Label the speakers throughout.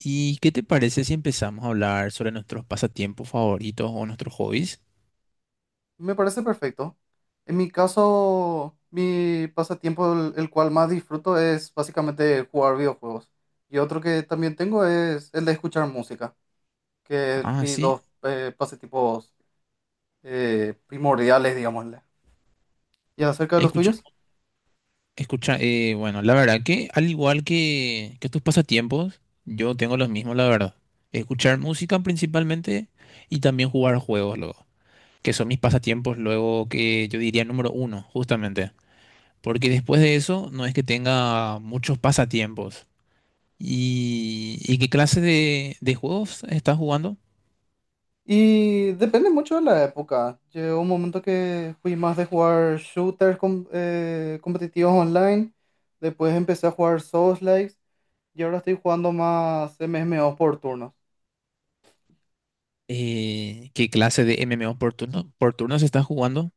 Speaker 1: ¿Y qué te parece si empezamos a hablar sobre nuestros pasatiempos favoritos o nuestros hobbies?
Speaker 2: Me parece perfecto. En mi caso, mi pasatiempo, el cual más disfruto, es básicamente jugar videojuegos. Y otro que también tengo es el de escuchar música, que es
Speaker 1: Ah,
Speaker 2: mis
Speaker 1: sí.
Speaker 2: dos pasatiempos primordiales, digámosle. ¿Y acerca de los
Speaker 1: Escucha,
Speaker 2: tuyos?
Speaker 1: escucha, bueno, la verdad que al igual que tus pasatiempos, yo tengo los mismos, la verdad. Escuchar música principalmente y también jugar juegos luego, que son mis pasatiempos luego que yo diría número uno, justamente. Porque después de eso no es que tenga muchos pasatiempos. ¿Y qué clase de juegos estás jugando?
Speaker 2: Y depende mucho de la época. Llegó un momento que fui más de jugar shooters competitivos online. Después empecé a jugar Souls-likes. Y ahora estoy jugando más MMO por turnos.
Speaker 1: ¿Qué clase de MMO por turno se está jugando?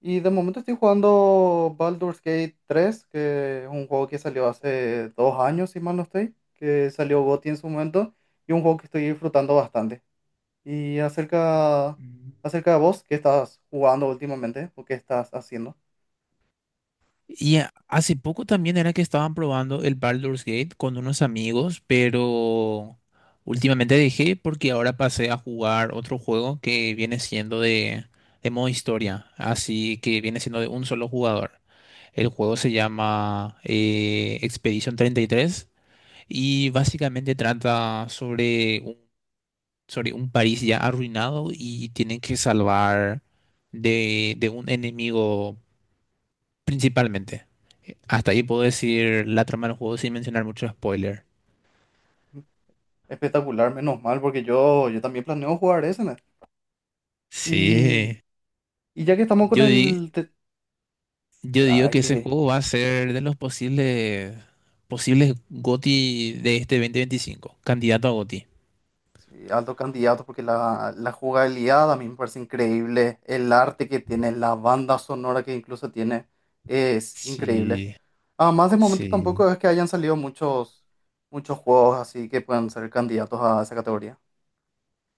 Speaker 2: Y de momento estoy jugando Baldur's Gate 3, que es un juego que salió hace 2 años, si mal no estoy, que salió GOTY en su momento, y un juego que estoy disfrutando bastante. Y
Speaker 1: Mm.
Speaker 2: acerca de vos, ¿qué estás jugando últimamente? ¿O qué estás haciendo?
Speaker 1: Hace poco también era que estaban probando el Baldur's Gate con unos amigos, pero últimamente dejé porque ahora pasé a jugar otro juego que viene siendo de modo historia, así que viene siendo de un solo jugador. El juego se llama Expedition 33 y básicamente trata sobre un país ya arruinado y tienen que salvar de un enemigo principalmente. Hasta ahí puedo decir la trama del juego sin mencionar mucho spoiler.
Speaker 2: Mm, Espectacular, menos mal, porque yo también planeo jugar ese, ¿no? Y,
Speaker 1: Sí,
Speaker 2: y ya que estamos con
Speaker 1: yo, di-
Speaker 2: el,
Speaker 1: yo digo
Speaker 2: espera, es
Speaker 1: que ese
Speaker 2: que
Speaker 1: juego va a ser de los posibles, posibles GOTY de este 2025, candidato a GOTY.
Speaker 2: sí, alto candidato porque la jugabilidad a mí me parece increíble, el arte que tiene, la banda sonora que incluso tiene, es increíble.
Speaker 1: Sí,
Speaker 2: Además, de momento
Speaker 1: sí,
Speaker 2: tampoco es que hayan salido muchos, juegos así que puedan ser candidatos a esa categoría.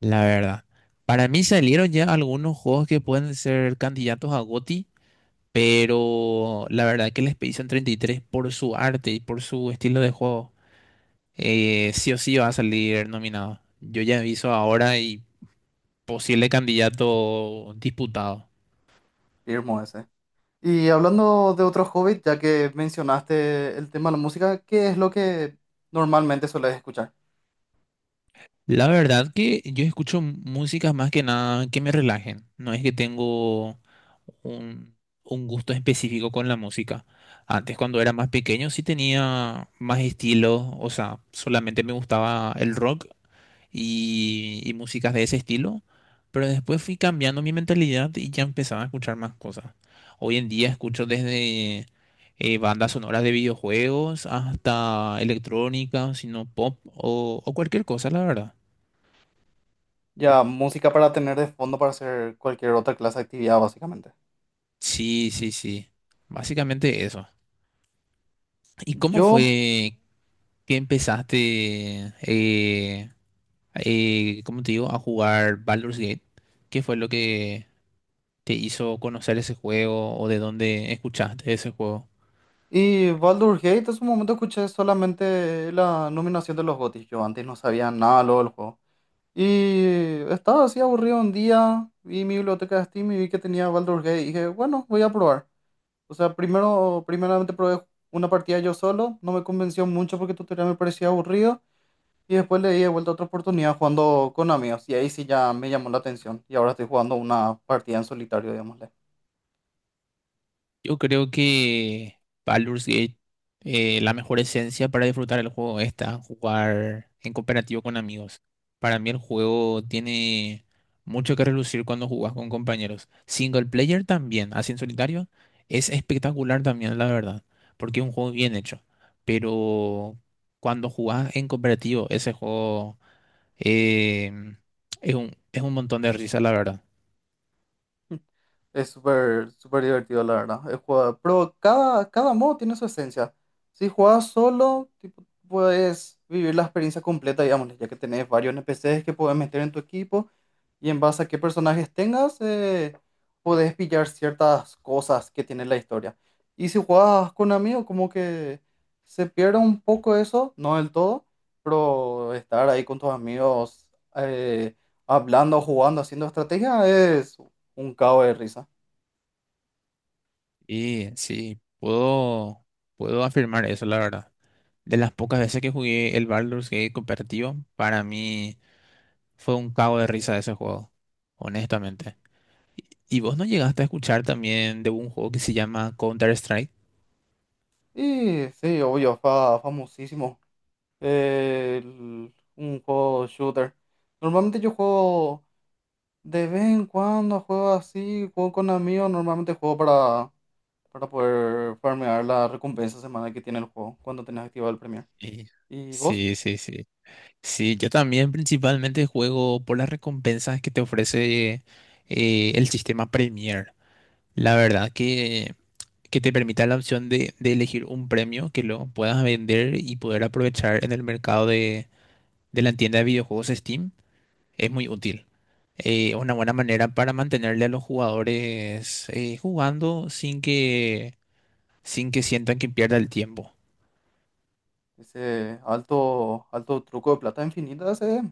Speaker 1: la verdad. Para mí salieron ya algunos juegos que pueden ser candidatos a GOTY, pero la verdad que el Expedition 33 por su arte y por su estilo de juego, sí o sí va a salir nominado. Yo ya aviso ahora y posible candidato disputado.
Speaker 2: Firmo ese. Y hablando de otros hobbies, ya que mencionaste el tema de la música, ¿qué es lo que normalmente sueles escuchar?
Speaker 1: La verdad que yo escucho músicas más que nada que me relajen. No es que tengo un, un gusto específico con la música. Antes, cuando era más pequeño, sí tenía más estilo. O sea, solamente me gustaba el rock y músicas de ese estilo. Pero después fui cambiando mi mentalidad y ya empezaba a escuchar más cosas. Hoy en día escucho desde bandas sonoras de videojuegos hasta electrónica, sino pop o cualquier cosa, la verdad.
Speaker 2: Ya, música para tener de fondo para hacer cualquier otra clase de actividad, básicamente.
Speaker 1: Sí, sí, sí. Básicamente eso. ¿Y cómo
Speaker 2: Yo
Speaker 1: fue que empezaste, cómo te digo, a jugar Baldur's Gate? ¿Qué fue lo que te hizo conocer ese juego o de dónde escuchaste ese juego?
Speaker 2: Y Baldur's Gate, en su momento escuché solamente la nominación de los GOTY. Yo antes no sabía nada lo del juego. Y estaba así aburrido un día, vi mi biblioteca de Steam y vi que tenía Baldur's Gate. Y dije, bueno, voy a probar. O sea, primeramente probé una partida yo solo, no me convenció mucho porque el tutorial me parecía aburrido. Y después le di de vuelta otra oportunidad jugando con amigos. Y ahí sí ya me llamó la atención. Y ahora estoy jugando una partida en solitario, digámosle.
Speaker 1: Yo creo que Baldur's Gate, la mejor esencia para disfrutar el juego está jugar en cooperativo con amigos. Para mí el juego tiene mucho que relucir cuando jugas con compañeros. Single player también, así en solitario, es espectacular también, la verdad, porque es un juego bien hecho. Pero cuando jugás en cooperativo, ese juego eh, es un montón de risa, la verdad.
Speaker 2: Es súper súper divertido, la verdad. Pero cada modo tiene su esencia. Si jugás solo, tipo, puedes vivir la experiencia completa, digamos, ya que tenés varios NPCs que puedes meter en tu equipo y en base a qué personajes tengas, podés pillar ciertas cosas que tiene la historia. Y si jugás con amigos, como que se pierde un poco eso, no del todo, pero estar ahí con tus amigos, eh, hablando, jugando, haciendo estrategia es un cabo de risa.
Speaker 1: Y sí, puedo afirmar eso, la verdad. De las pocas veces que jugué el Baldur's Gate cooperativo, para mí fue un cago de risa ese juego, honestamente. ¿Y vos no llegaste a escuchar también de un juego que se llama Counter-Strike?
Speaker 2: Y sí, obvio, famosísimo. Un juego shooter. Normalmente yo juego de vez en cuando, juego así, juego con amigos. Normalmente juego para poder farmear la recompensa semanal que tiene el juego cuando tenés activado el Premier. ¿Y vos?
Speaker 1: Sí, sí, sí. Sí, sí, yo también principalmente juego por las recompensas que te ofrece el sistema Premier. La verdad que te permite la opción de elegir un premio que lo puedas vender y poder aprovechar en el mercado de la tienda de videojuegos Steam. Es muy útil. Una buena manera para mantenerle a los jugadores jugando sin que sientan que pierda el tiempo.
Speaker 2: Ese alto, alto truco de plata infinita, ese,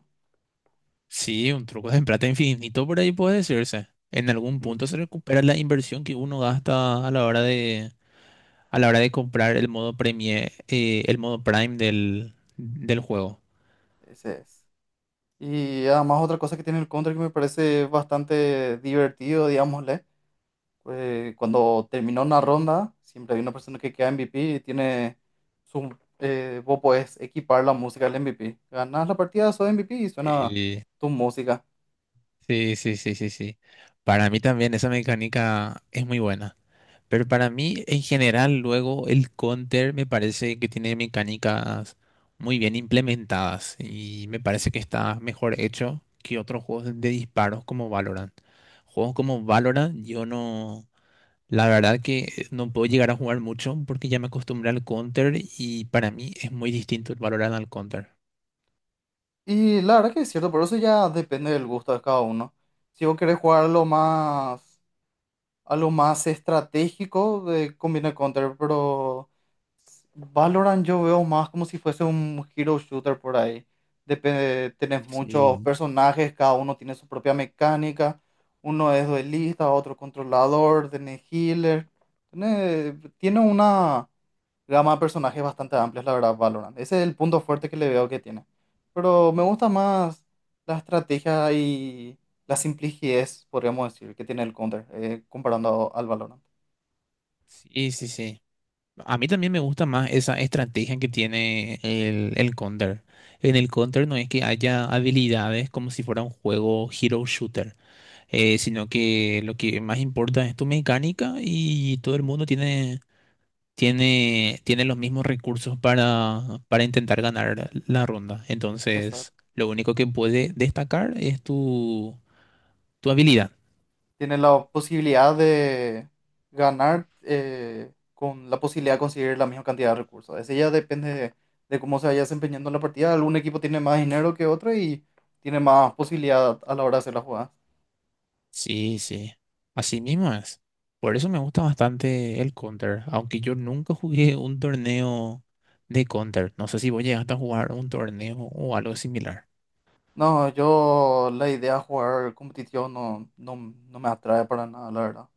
Speaker 1: Sí, un truco de plata infinito por ahí puede decirse. En algún
Speaker 2: mm,
Speaker 1: punto se recupera la inversión que uno gasta a la hora a la hora de comprar el modo premie, el modo Prime del juego.
Speaker 2: ese es. Y además otra cosa que tiene el Counter que me parece bastante divertido, digamos, cuando terminó una ronda, siempre hay una persona que queda MVP y tiene vos podés equipar la música del MVP. Ganas la partida, sos MVP y suena
Speaker 1: Eh,
Speaker 2: tu música.
Speaker 1: sí, sí, sí, sí, sí. Para mí también esa mecánica es muy buena. Pero para mí, en general, luego el counter me parece que tiene mecánicas muy bien implementadas y me parece que está mejor hecho que otros juegos de disparos como Valorant. Juegos como Valorant, yo no, la verdad que no puedo llegar a jugar mucho porque ya me acostumbré al counter y para mí es muy distinto el Valorant al counter.
Speaker 2: Y la verdad que es cierto, pero eso ya depende del gusto de cada uno. Si vos querés jugar algo más estratégico, de combina Counter, pero Valorant yo veo más como si fuese un hero shooter por ahí. Depende, tenés muchos
Speaker 1: Sí.
Speaker 2: personajes, cada uno tiene su propia mecánica. Uno es duelista, otro controlador, tenés healer. Tiene, tiene una gama de personajes bastante amplia, la verdad, Valorant. Ese es el punto fuerte que le veo que tiene. Pero me gusta más la estrategia y la simplicidad, podríamos decir, que tiene el Counter, comparando al Valorant.
Speaker 1: Sí, sí, sí. A mí también me gusta más esa estrategia que tiene el Counter. En el Counter no es que haya habilidades como si fuera un juego hero shooter, sino que lo que más importa es tu mecánica y todo el mundo tiene, tiene los mismos recursos para intentar ganar la ronda.
Speaker 2: Esa-
Speaker 1: Entonces, lo único que puede destacar es tu habilidad.
Speaker 2: Tienes la posibilidad de ganar, con la posibilidad de conseguir la misma cantidad de recursos. Ese ya depende de cómo se vaya desempeñando la partida. Algún equipo tiene más dinero que otro y tiene más posibilidad a la hora de hacer la jugada.
Speaker 1: Sí, sí. Así mismo es. Por eso me gusta bastante el Counter, aunque yo nunca jugué un torneo de Counter. No sé si vos llegaste a jugar un torneo o algo similar.
Speaker 2: No, yo la idea de jugar competitivo no, no, no me atrae para nada, la verdad.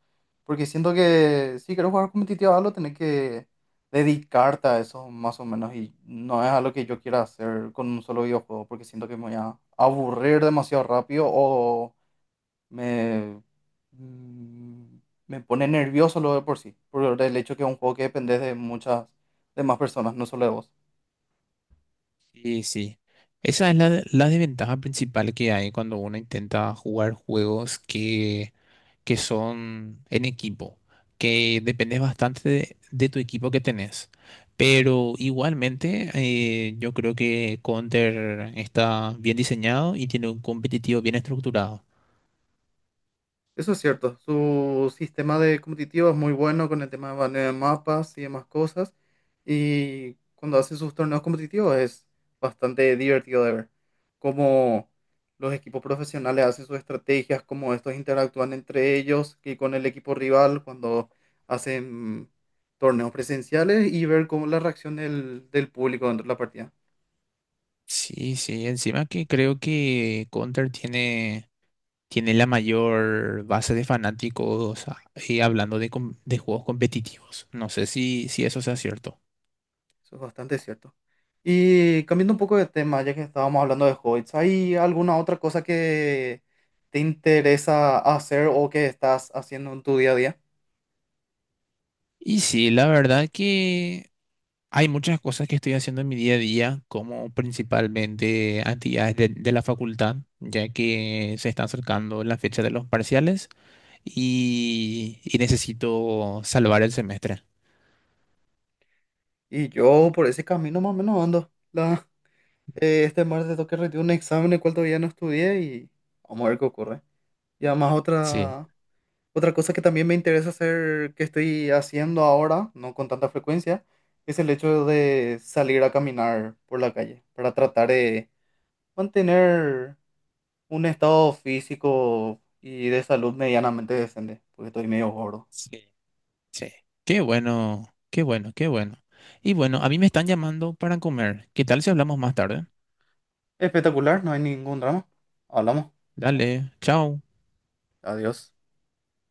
Speaker 2: Porque siento que si quieres jugar competitivo, algo tenés que dedicarte a eso más o menos. Y no es algo que yo quiera hacer con un solo videojuego, porque siento que me voy a aburrir demasiado rápido o me, mm, me pone nervioso lo de por sí. Por el hecho que es un juego que depende de más personas, no solo de vos.
Speaker 1: Sí, sí. Esa es la desventaja principal que hay cuando uno intenta jugar juegos que son en equipo, que depende bastante de tu equipo que tenés. Pero igualmente, yo creo que Counter está bien diseñado y tiene un competitivo bien estructurado.
Speaker 2: Eso es cierto, su sistema de competitivo es muy bueno con el tema de baneo de mapas y demás cosas. Y cuando hacen sus torneos competitivos es bastante divertido de ver cómo los equipos profesionales hacen sus estrategias, cómo estos interactúan entre ellos y con el equipo rival cuando hacen torneos presenciales y ver cómo la reacción del público dentro de la partida.
Speaker 1: Sí, sí, encima que creo que Counter tiene, tiene la mayor base de fanáticos ah, hablando de, de juegos competitivos. No sé si eso sea cierto.
Speaker 2: Eso es bastante cierto. Y cambiando un poco de tema, ya que estábamos hablando de hobbies, ¿hay alguna otra cosa que te interesa hacer o que estás haciendo en tu día a día?
Speaker 1: Y sí, la verdad que hay muchas cosas que estoy haciendo en mi día a día, como principalmente actividades de la facultad, ya que se está acercando la fecha de los parciales y necesito salvar el semestre.
Speaker 2: Y yo por ese camino más o menos ando. Este martes tengo que rendir un examen el cual todavía no estudié y vamos a ver qué ocurre. Y además
Speaker 1: Sí,
Speaker 2: otra cosa que también me interesa hacer, que estoy haciendo ahora, no con tanta frecuencia, es el hecho de salir a caminar por la calle para tratar de mantener un estado físico y de salud medianamente decente, porque estoy medio gordo.
Speaker 1: sí, sí. Qué bueno, qué bueno, qué bueno. Y bueno, a mí me están llamando para comer. ¿Qué tal si hablamos más tarde?
Speaker 2: Espectacular, no hay ningún drama. Hablamos.
Speaker 1: Dale, chao.
Speaker 2: Adiós.